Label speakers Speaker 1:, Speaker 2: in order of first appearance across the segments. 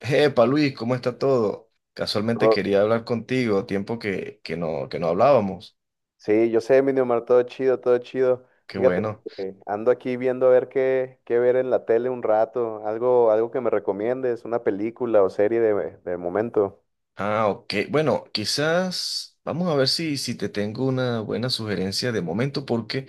Speaker 1: Epa, Luis, ¿cómo está todo? Casualmente
Speaker 2: No,
Speaker 1: quería hablar contigo, tiempo que no hablábamos.
Speaker 2: sí, yo sé, mi Miniomar, todo chido, todo chido.
Speaker 1: Qué
Speaker 2: Fíjate
Speaker 1: bueno.
Speaker 2: que ando aquí viendo a ver qué ver en la tele un rato, algo que me recomiendes, una película o serie de momento.
Speaker 1: Ah, ok. Bueno, quizás vamos a ver si te tengo una buena sugerencia de momento, porque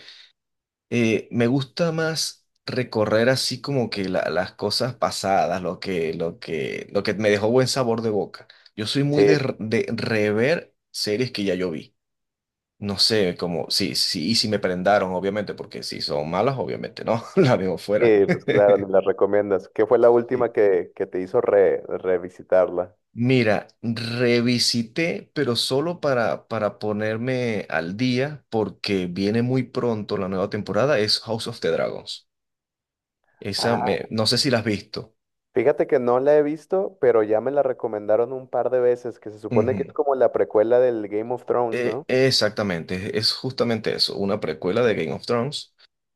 Speaker 1: me gusta más recorrer así como que las cosas pasadas, lo que me dejó buen sabor de boca. Yo soy
Speaker 2: Sí,
Speaker 1: muy de rever series que ya yo vi. No sé, como, sí, sí, y si me prendaron, obviamente, porque si son malas, obviamente no, la dejo fuera.
Speaker 2: sí, pues claro, ni las recomiendas. ¿Qué fue la última
Speaker 1: Sí.
Speaker 2: que te hizo revisitarla?
Speaker 1: Mira, revisité, pero solo para ponerme al día, porque viene muy pronto la nueva temporada, es House of the Dragons.
Speaker 2: Ah,
Speaker 1: No sé si la has visto.
Speaker 2: fíjate que no la he visto, pero ya me la recomendaron un par de veces, que se supone que es
Speaker 1: Ujú.
Speaker 2: como la precuela del Game of Thrones, ¿no?
Speaker 1: Exactamente, es justamente eso, una precuela de Game of Thrones.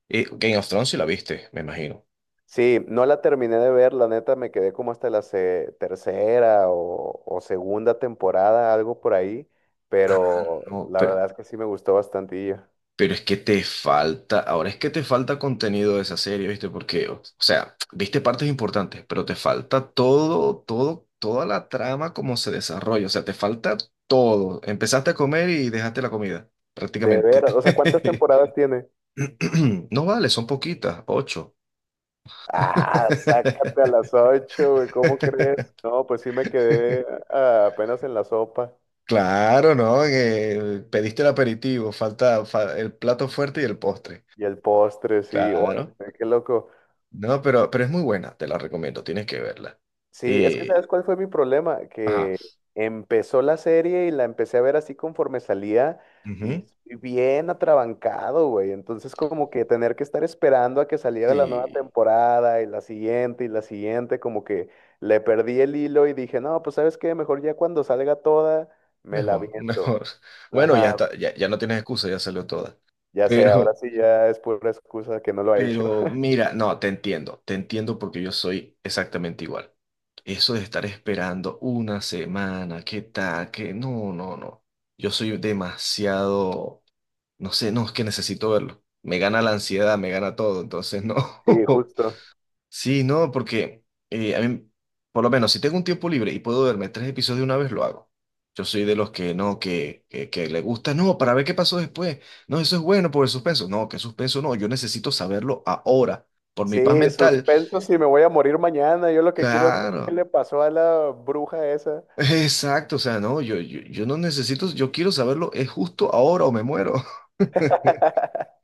Speaker 1: Game of Thrones si la viste, me imagino.
Speaker 2: Sí, no la terminé de ver, la neta me quedé como hasta la tercera o segunda temporada, algo por ahí, pero
Speaker 1: No,
Speaker 2: la
Speaker 1: pero,
Speaker 2: verdad es que sí me gustó bastante.
Speaker 1: Pero es que te falta, ahora es que te falta contenido de esa serie, ¿viste? Porque, o sea, viste partes importantes, pero te falta toda la trama como se desarrolla, o sea, te falta todo. Empezaste a comer y dejaste la comida,
Speaker 2: De
Speaker 1: prácticamente.
Speaker 2: ver, o sea, ¿cuántas temporadas tiene?
Speaker 1: No vale, son poquitas, ocho.
Speaker 2: Ah, sácate a las ocho, güey, ¿cómo crees? No, pues sí me quedé apenas en la sopa
Speaker 1: Claro, ¿no? Que pediste el aperitivo, falta el plato fuerte y el postre.
Speaker 2: y el postre, sí,
Speaker 1: Claro.
Speaker 2: órale, qué loco.
Speaker 1: No, pero es muy buena, te la recomiendo, tienes que verla.
Speaker 2: Sí, es que
Speaker 1: Eh,
Speaker 2: ¿sabes cuál fue mi problema?
Speaker 1: ajá.
Speaker 2: Que empezó la serie y la empecé a ver así conforme salía y
Speaker 1: Ujú,
Speaker 2: estoy bien atrabancado, güey. Entonces como que tener que estar esperando a que saliera la nueva
Speaker 1: sí,
Speaker 2: temporada y la siguiente, como que le perdí el hilo y dije, no, pues ¿sabes qué? Mejor ya cuando salga toda, me la
Speaker 1: mejor,
Speaker 2: viento.
Speaker 1: mejor. Bueno, ya
Speaker 2: Ajá,
Speaker 1: está, ya no tienes excusa, ya salió toda.
Speaker 2: ya sé, ahora
Speaker 1: Pero,
Speaker 2: sí ya es pura excusa que no lo ha hecho.
Speaker 1: pero mira, no, te entiendo porque yo soy exactamente igual. Eso de estar esperando una semana, qué tal, no, no, no. Yo soy demasiado, no sé, no, es que necesito verlo. Me gana la ansiedad, me gana todo, entonces no.
Speaker 2: Sí, justo.
Speaker 1: Sí, no, porque a mí, por lo menos, si tengo un tiempo libre y puedo verme tres episodios de una vez, lo hago. Yo soy de los que no, que le gusta, no, para ver qué pasó después. No, eso es bueno por el suspenso. No, que suspenso no, yo necesito saberlo ahora, por mi paz
Speaker 2: Sí,
Speaker 1: mental.
Speaker 2: suspenso si me voy a morir mañana. Yo lo que quiero es ver qué
Speaker 1: Claro,
Speaker 2: le pasó a la bruja esa.
Speaker 1: exacto, o sea, no, yo no necesito, yo quiero saberlo, es justo ahora o me muero.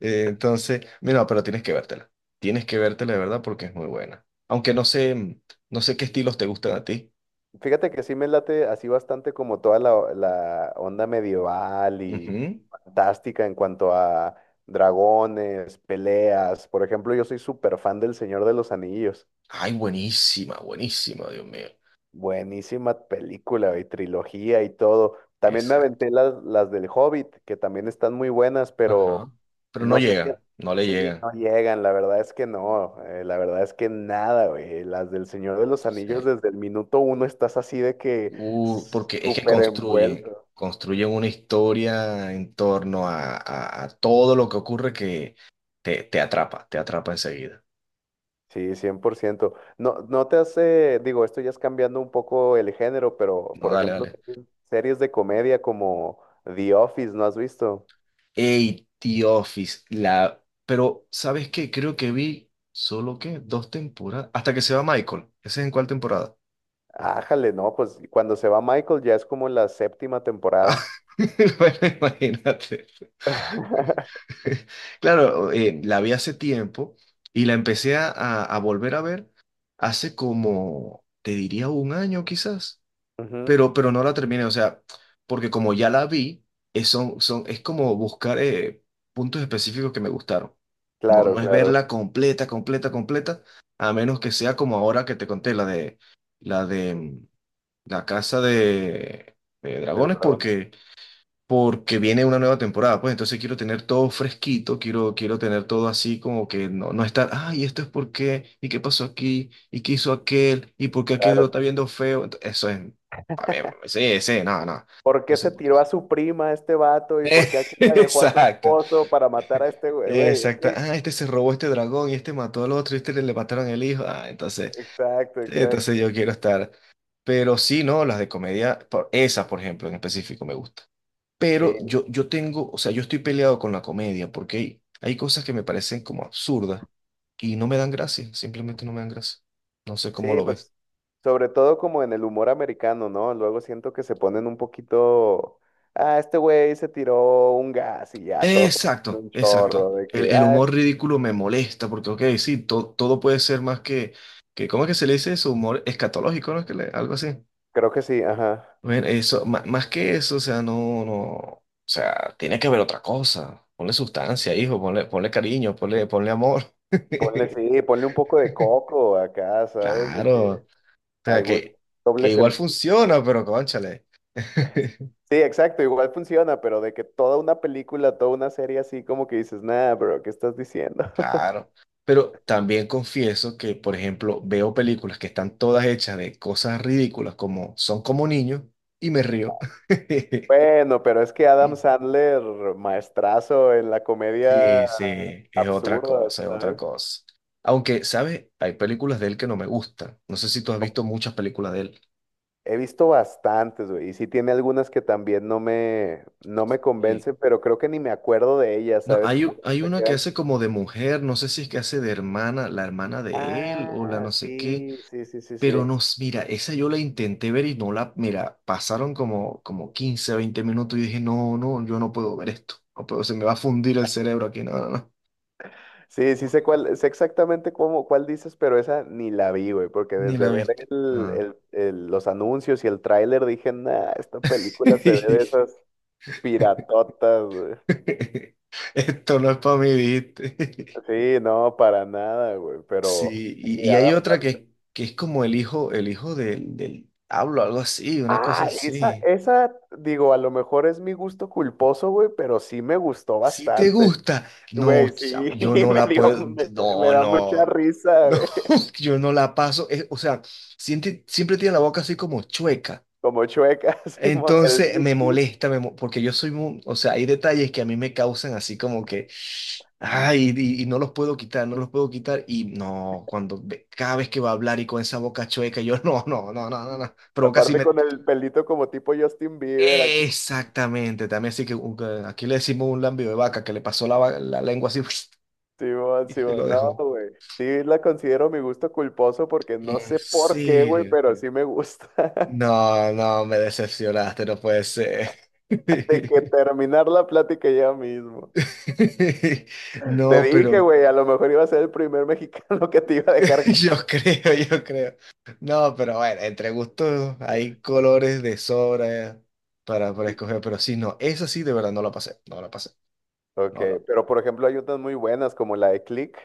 Speaker 1: Entonces, mira, pero tienes que vértela. Tienes que vértela de verdad porque es muy buena. Aunque no sé qué estilos te gustan a ti.
Speaker 2: Fíjate que sí me late así bastante como toda la onda medieval y
Speaker 1: Ujú.
Speaker 2: fantástica en cuanto a dragones, peleas. Por ejemplo, yo soy súper fan del Señor de los Anillos.
Speaker 1: Ay, buenísima, buenísima, Dios mío.
Speaker 2: Buenísima película y trilogía y todo. También me
Speaker 1: Exacto.
Speaker 2: aventé las del Hobbit, que también están muy buenas, pero
Speaker 1: Ajá. Pero no
Speaker 2: no sé si...
Speaker 1: llegan, no le
Speaker 2: Sí,
Speaker 1: llegan.
Speaker 2: no llegan, la verdad es que no, la verdad es que nada, güey. Las del Señor de los Anillos,
Speaker 1: Sí.
Speaker 2: desde el minuto uno estás así de que
Speaker 1: Porque es que
Speaker 2: súper envuelto.
Speaker 1: construyen una historia en torno a todo lo que ocurre que te atrapa enseguida.
Speaker 2: Sí, 100%. No, no te hace, digo, esto ya es cambiando un poco el género, pero
Speaker 1: No,
Speaker 2: por
Speaker 1: dale,
Speaker 2: ejemplo,
Speaker 1: dale.
Speaker 2: series de comedia como The Office, ¿no has visto?
Speaker 1: Ey, The Office, Pero, ¿sabes qué? Creo que vi solo que dos temporadas, hasta que se va Michael. ¿Ese es en cuál temporada?
Speaker 2: Ájale, no, pues cuando se va Michael ya es como la séptima
Speaker 1: Ah,
Speaker 2: temporada.
Speaker 1: bueno, imagínate. Claro, la vi hace tiempo y la empecé a volver a ver hace como, te diría un año quizás,
Speaker 2: Ujú,
Speaker 1: pero no la terminé, o sea, porque como ya la vi, es como buscar puntos específicos que me gustaron. No,
Speaker 2: claro,
Speaker 1: no es
Speaker 2: claro,
Speaker 1: verla completa, completa, completa, a menos que sea como ahora que te conté, la de mm, la casa de
Speaker 2: de los
Speaker 1: dragones,
Speaker 2: dragones,
Speaker 1: porque viene una nueva temporada, pues entonces quiero tener todo fresquito, quiero tener todo así como que no estar, ay, esto es por qué, y qué pasó aquí, y qué hizo aquel, y por qué aquel lo está
Speaker 2: claro.
Speaker 1: viendo feo, eso es, a ver, sí, sí, no, no.
Speaker 2: ¿Por qué
Speaker 1: Entonces,
Speaker 2: se
Speaker 1: por
Speaker 2: tiró
Speaker 1: eso.
Speaker 2: a su prima este vato y por qué aquella dejó a su
Speaker 1: Exacto,
Speaker 2: esposo para matar a este güey? Güey, es
Speaker 1: exacto.
Speaker 2: que,
Speaker 1: Ah, este se robó este dragón y este mató al otro y este le mataron el hijo. Ah,
Speaker 2: exacto,
Speaker 1: entonces yo
Speaker 2: exacto.
Speaker 1: quiero estar. Pero sí, no, las de comedia, esas, por ejemplo, en específico me gustan. Pero
Speaker 2: Sí,
Speaker 1: yo tengo, o sea, yo estoy peleado con la comedia porque hay cosas que me parecen como absurdas y no me dan gracia, simplemente no me dan gracia. No sé cómo
Speaker 2: sí,
Speaker 1: lo ves.
Speaker 2: pues sobre todo como en el humor americano, ¿no? Luego siento que se ponen un poquito, ah, este güey se tiró un gas y ya todos se ríen
Speaker 1: Exacto,
Speaker 2: un
Speaker 1: exacto.
Speaker 2: chorro de que,
Speaker 1: El
Speaker 2: ah,
Speaker 1: humor ridículo me molesta porque, ok, sí, todo puede ser más que, ¿cómo es que se le dice eso? Humor escatológico, ¿no? Es que algo así.
Speaker 2: creo que sí, ajá.
Speaker 1: Bueno, eso, más que eso, o sea, no, no, o sea, tiene que haber otra cosa. Ponle sustancia, hijo, ponle, ponle cariño, ponle, ponle amor.
Speaker 2: Ponle, sí, ponle un poco de coco acá, ¿sabes? De que
Speaker 1: Claro. Sea,
Speaker 2: algún doble
Speaker 1: que igual
Speaker 2: sentido.
Speaker 1: funciona, pero cónchale.
Speaker 2: Sí, exacto, igual funciona, pero de que toda una película, toda una serie así, como que dices, nah, bro, ¿qué estás diciendo?
Speaker 1: Claro. Pero también confieso que, por ejemplo, veo películas que están todas hechas de cosas ridículas como Son como niños y me río.
Speaker 2: Bueno, pero es que Adam Sandler, maestrazo en la comedia
Speaker 1: Sí, sí, es otra
Speaker 2: absurda,
Speaker 1: cosa, es otra
Speaker 2: ¿sabes?
Speaker 1: cosa. Aunque, ¿sabes? Hay películas de él que no me gustan. No sé si tú has
Speaker 2: Como-
Speaker 1: visto muchas películas de él.
Speaker 2: He visto bastantes, güey, y sí tiene algunas que también no me
Speaker 1: Sí.
Speaker 2: convencen, pero creo que ni me acuerdo de ellas,
Speaker 1: No,
Speaker 2: ¿sabes?
Speaker 1: hay,
Speaker 2: Como
Speaker 1: u-
Speaker 2: que se
Speaker 1: hay
Speaker 2: me
Speaker 1: una que
Speaker 2: quedan.
Speaker 1: hace como de mujer, no sé si es que hace de hermana, la hermana de él o la
Speaker 2: Ah,
Speaker 1: no sé qué.
Speaker 2: sí, sí, sí, sí, sí.
Speaker 1: Pero mira, esa yo la intenté ver y no la, mira, pasaron como 15 20 minutos y dije, no, no, yo no puedo ver esto. No puedo, se me va a fundir el cerebro aquí. No, no, no.
Speaker 2: Sí, sí sé cuál, sé exactamente cuál dices, pero esa ni la vi, güey, porque
Speaker 1: Ni la
Speaker 2: desde
Speaker 1: he
Speaker 2: ver
Speaker 1: visto. Ah.
Speaker 2: los anuncios y el tráiler dije, nah, esta película se ve de esas piratotas, güey.
Speaker 1: Esto no es para mí, ¿viste?
Speaker 2: Sí, no, para nada, güey, pero...
Speaker 1: Sí,
Speaker 2: y
Speaker 1: y hay otra que es como el hijo del hablo, algo así, una cosa
Speaker 2: Ah, esa,
Speaker 1: así.
Speaker 2: esa, digo, a lo mejor es mi gusto culposo, güey, pero sí me gustó
Speaker 1: Si te
Speaker 2: bastante.
Speaker 1: gusta, no,
Speaker 2: Güey, sí,
Speaker 1: yo no
Speaker 2: me
Speaker 1: la
Speaker 2: dio,
Speaker 1: puedo,
Speaker 2: me, me
Speaker 1: no,
Speaker 2: da mucha
Speaker 1: no,
Speaker 2: risa,
Speaker 1: no,
Speaker 2: güey.
Speaker 1: yo no la paso, o sea, siempre, siempre tiene la boca así como chueca.
Speaker 2: Como chueca, Simón, el
Speaker 1: Entonces me
Speaker 2: Nicky.
Speaker 1: molesta, porque yo soy, o sea, hay detalles que a mí me causan así como que, ay, y no los puedo quitar, no los puedo quitar, y no, cuando, cada vez que va a hablar y con esa boca chueca, yo no, no, no, no, no, no, provoca así
Speaker 2: Aparte
Speaker 1: me...
Speaker 2: con el pelito como tipo Justin Bieber,
Speaker 1: Exactamente, también así que aquí le decimos un lambio de vaca que le pasó la lengua así.
Speaker 2: Simón,
Speaker 1: Y se lo
Speaker 2: Simón, no,
Speaker 1: dejó.
Speaker 2: güey. Sí la considero mi gusto culposo porque no
Speaker 1: ¿En
Speaker 2: sé por qué, güey,
Speaker 1: serio?
Speaker 2: pero sí me gusta.
Speaker 1: No, no, me decepcionaste, no puede ser.
Speaker 2: De que terminar la plática ya mismo. Te
Speaker 1: No,
Speaker 2: dije,
Speaker 1: pero
Speaker 2: güey, a lo mejor iba a ser el primer mexicano que te iba a dejar.
Speaker 1: yo creo, yo creo. No, pero bueno, entre gustos hay colores de sobra para escoger, pero sí, no, esa sí de verdad no la pasé, no la pasé,
Speaker 2: Ok,
Speaker 1: no la.
Speaker 2: pero por ejemplo hay otras muy buenas como la de Click.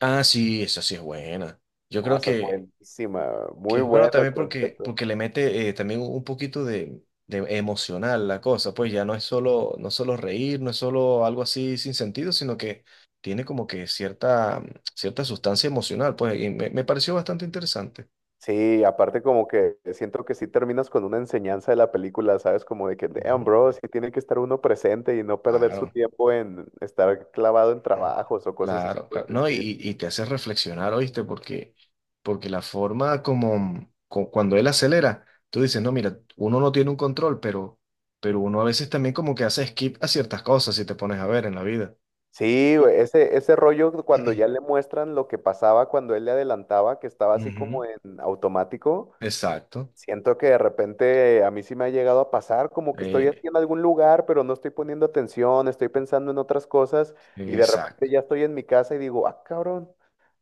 Speaker 1: Ah, sí, esa sí es buena. Yo
Speaker 2: No,
Speaker 1: creo
Speaker 2: esa es
Speaker 1: que
Speaker 2: buenísima,
Speaker 1: Que
Speaker 2: muy
Speaker 1: es bueno
Speaker 2: buena el
Speaker 1: también
Speaker 2: concepto.
Speaker 1: porque le mete también un poquito de emocional la cosa, pues ya no es solo, no es solo reír, no es solo algo así sin sentido, sino que tiene como que cierta, cierta sustancia emocional, pues y me pareció bastante interesante.
Speaker 2: Sí, aparte como que siento que sí terminas con una enseñanza de la película, ¿sabes? Como de que, damn,
Speaker 1: Ujú.
Speaker 2: bro, sí tiene que estar uno presente y no perder su
Speaker 1: Claro.
Speaker 2: tiempo en estar clavado en trabajos o cosas así
Speaker 1: Claro,
Speaker 2: por
Speaker 1: claro.
Speaker 2: el
Speaker 1: No,
Speaker 2: estilo.
Speaker 1: y te hace reflexionar, ¿oíste? Porque la forma como cuando él acelera, tú dices, no, mira, uno no tiene un control, pero uno a veces también como que hace skip a ciertas cosas si te pones a ver en la vida.
Speaker 2: Sí, güey, ese rollo cuando ya le muestran lo que pasaba cuando él le adelantaba, que estaba así como
Speaker 1: Ujú.
Speaker 2: en automático.
Speaker 1: Exacto.
Speaker 2: Siento que de repente a mí sí me ha llegado a pasar como que estoy
Speaker 1: Eh,
Speaker 2: en algún lugar, pero no estoy poniendo atención, estoy pensando en otras cosas y de repente
Speaker 1: exacto.
Speaker 2: ya estoy en mi casa y digo, ah, cabrón,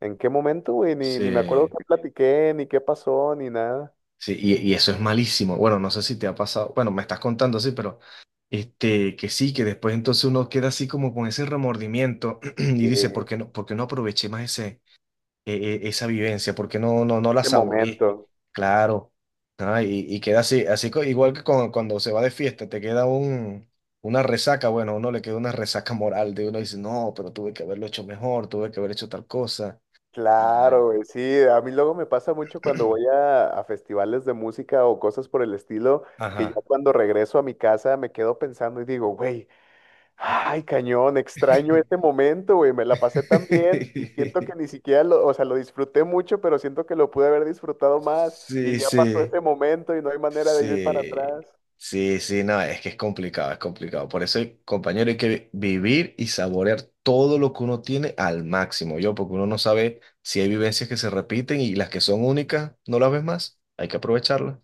Speaker 2: ¿en qué momento, güey? Ni me acuerdo
Speaker 1: Sí.
Speaker 2: qué platiqué, ni qué pasó, ni nada.
Speaker 1: Sí, y eso es malísimo. Bueno, no sé si te ha pasado, bueno, me estás contando así, pero este, que sí, que después entonces uno queda así como con ese remordimiento y
Speaker 2: Sí,
Speaker 1: dice, ¿ por qué no aproveché más e- esa vivencia? ¿Por qué no la
Speaker 2: ese
Speaker 1: saboreé?
Speaker 2: momento.
Speaker 1: Claro. Ah, y queda así, igual que cuando se va de fiesta, te queda una resaca, bueno, a uno le queda una resaca moral de uno dice, no, pero tuve que haberlo hecho mejor, tuve que haber hecho tal cosa. Y,
Speaker 2: Claro,
Speaker 1: eh,
Speaker 2: güey, sí, a mí luego me pasa mucho cuando voy a festivales de música o cosas por el estilo, que ya
Speaker 1: Ajá.
Speaker 2: cuando regreso a mi casa me quedo pensando y digo, güey. Ay, cañón, extraño este momento, güey. Me la pasé tan bien y siento que ni siquiera lo, o sea, lo disfruté mucho, pero siento que lo pude haber disfrutado más y
Speaker 1: Sí,
Speaker 2: ya pasó
Speaker 1: sí,
Speaker 2: ese momento y no hay manera de ir para
Speaker 1: sí,
Speaker 2: atrás.
Speaker 1: sí, sí, no, es que es complicado, es complicado. Por eso, compañero, hay que vivir y saborear todo lo que uno tiene al máximo, yo, porque uno no sabe si hay vivencias que se repiten y las que son únicas, no las ves más. Hay que aprovecharlas.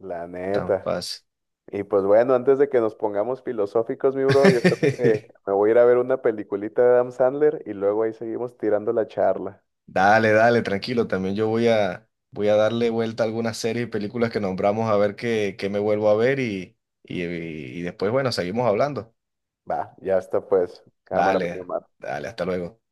Speaker 2: La
Speaker 1: Tan
Speaker 2: neta.
Speaker 1: fácil.
Speaker 2: Y pues bueno, antes de que nos pongamos filosóficos, mi bro, yo creo que me voy a ir a ver una peliculita de Adam Sandler y luego ahí seguimos tirando la charla.
Speaker 1: Dale, dale, tranquilo. También yo voy a darle vuelta a algunas series y películas que nombramos a ver qué me vuelvo a ver y después, bueno, seguimos hablando.
Speaker 2: Va, ya está pues. Cámara, mi
Speaker 1: Dale, dale, hasta luego.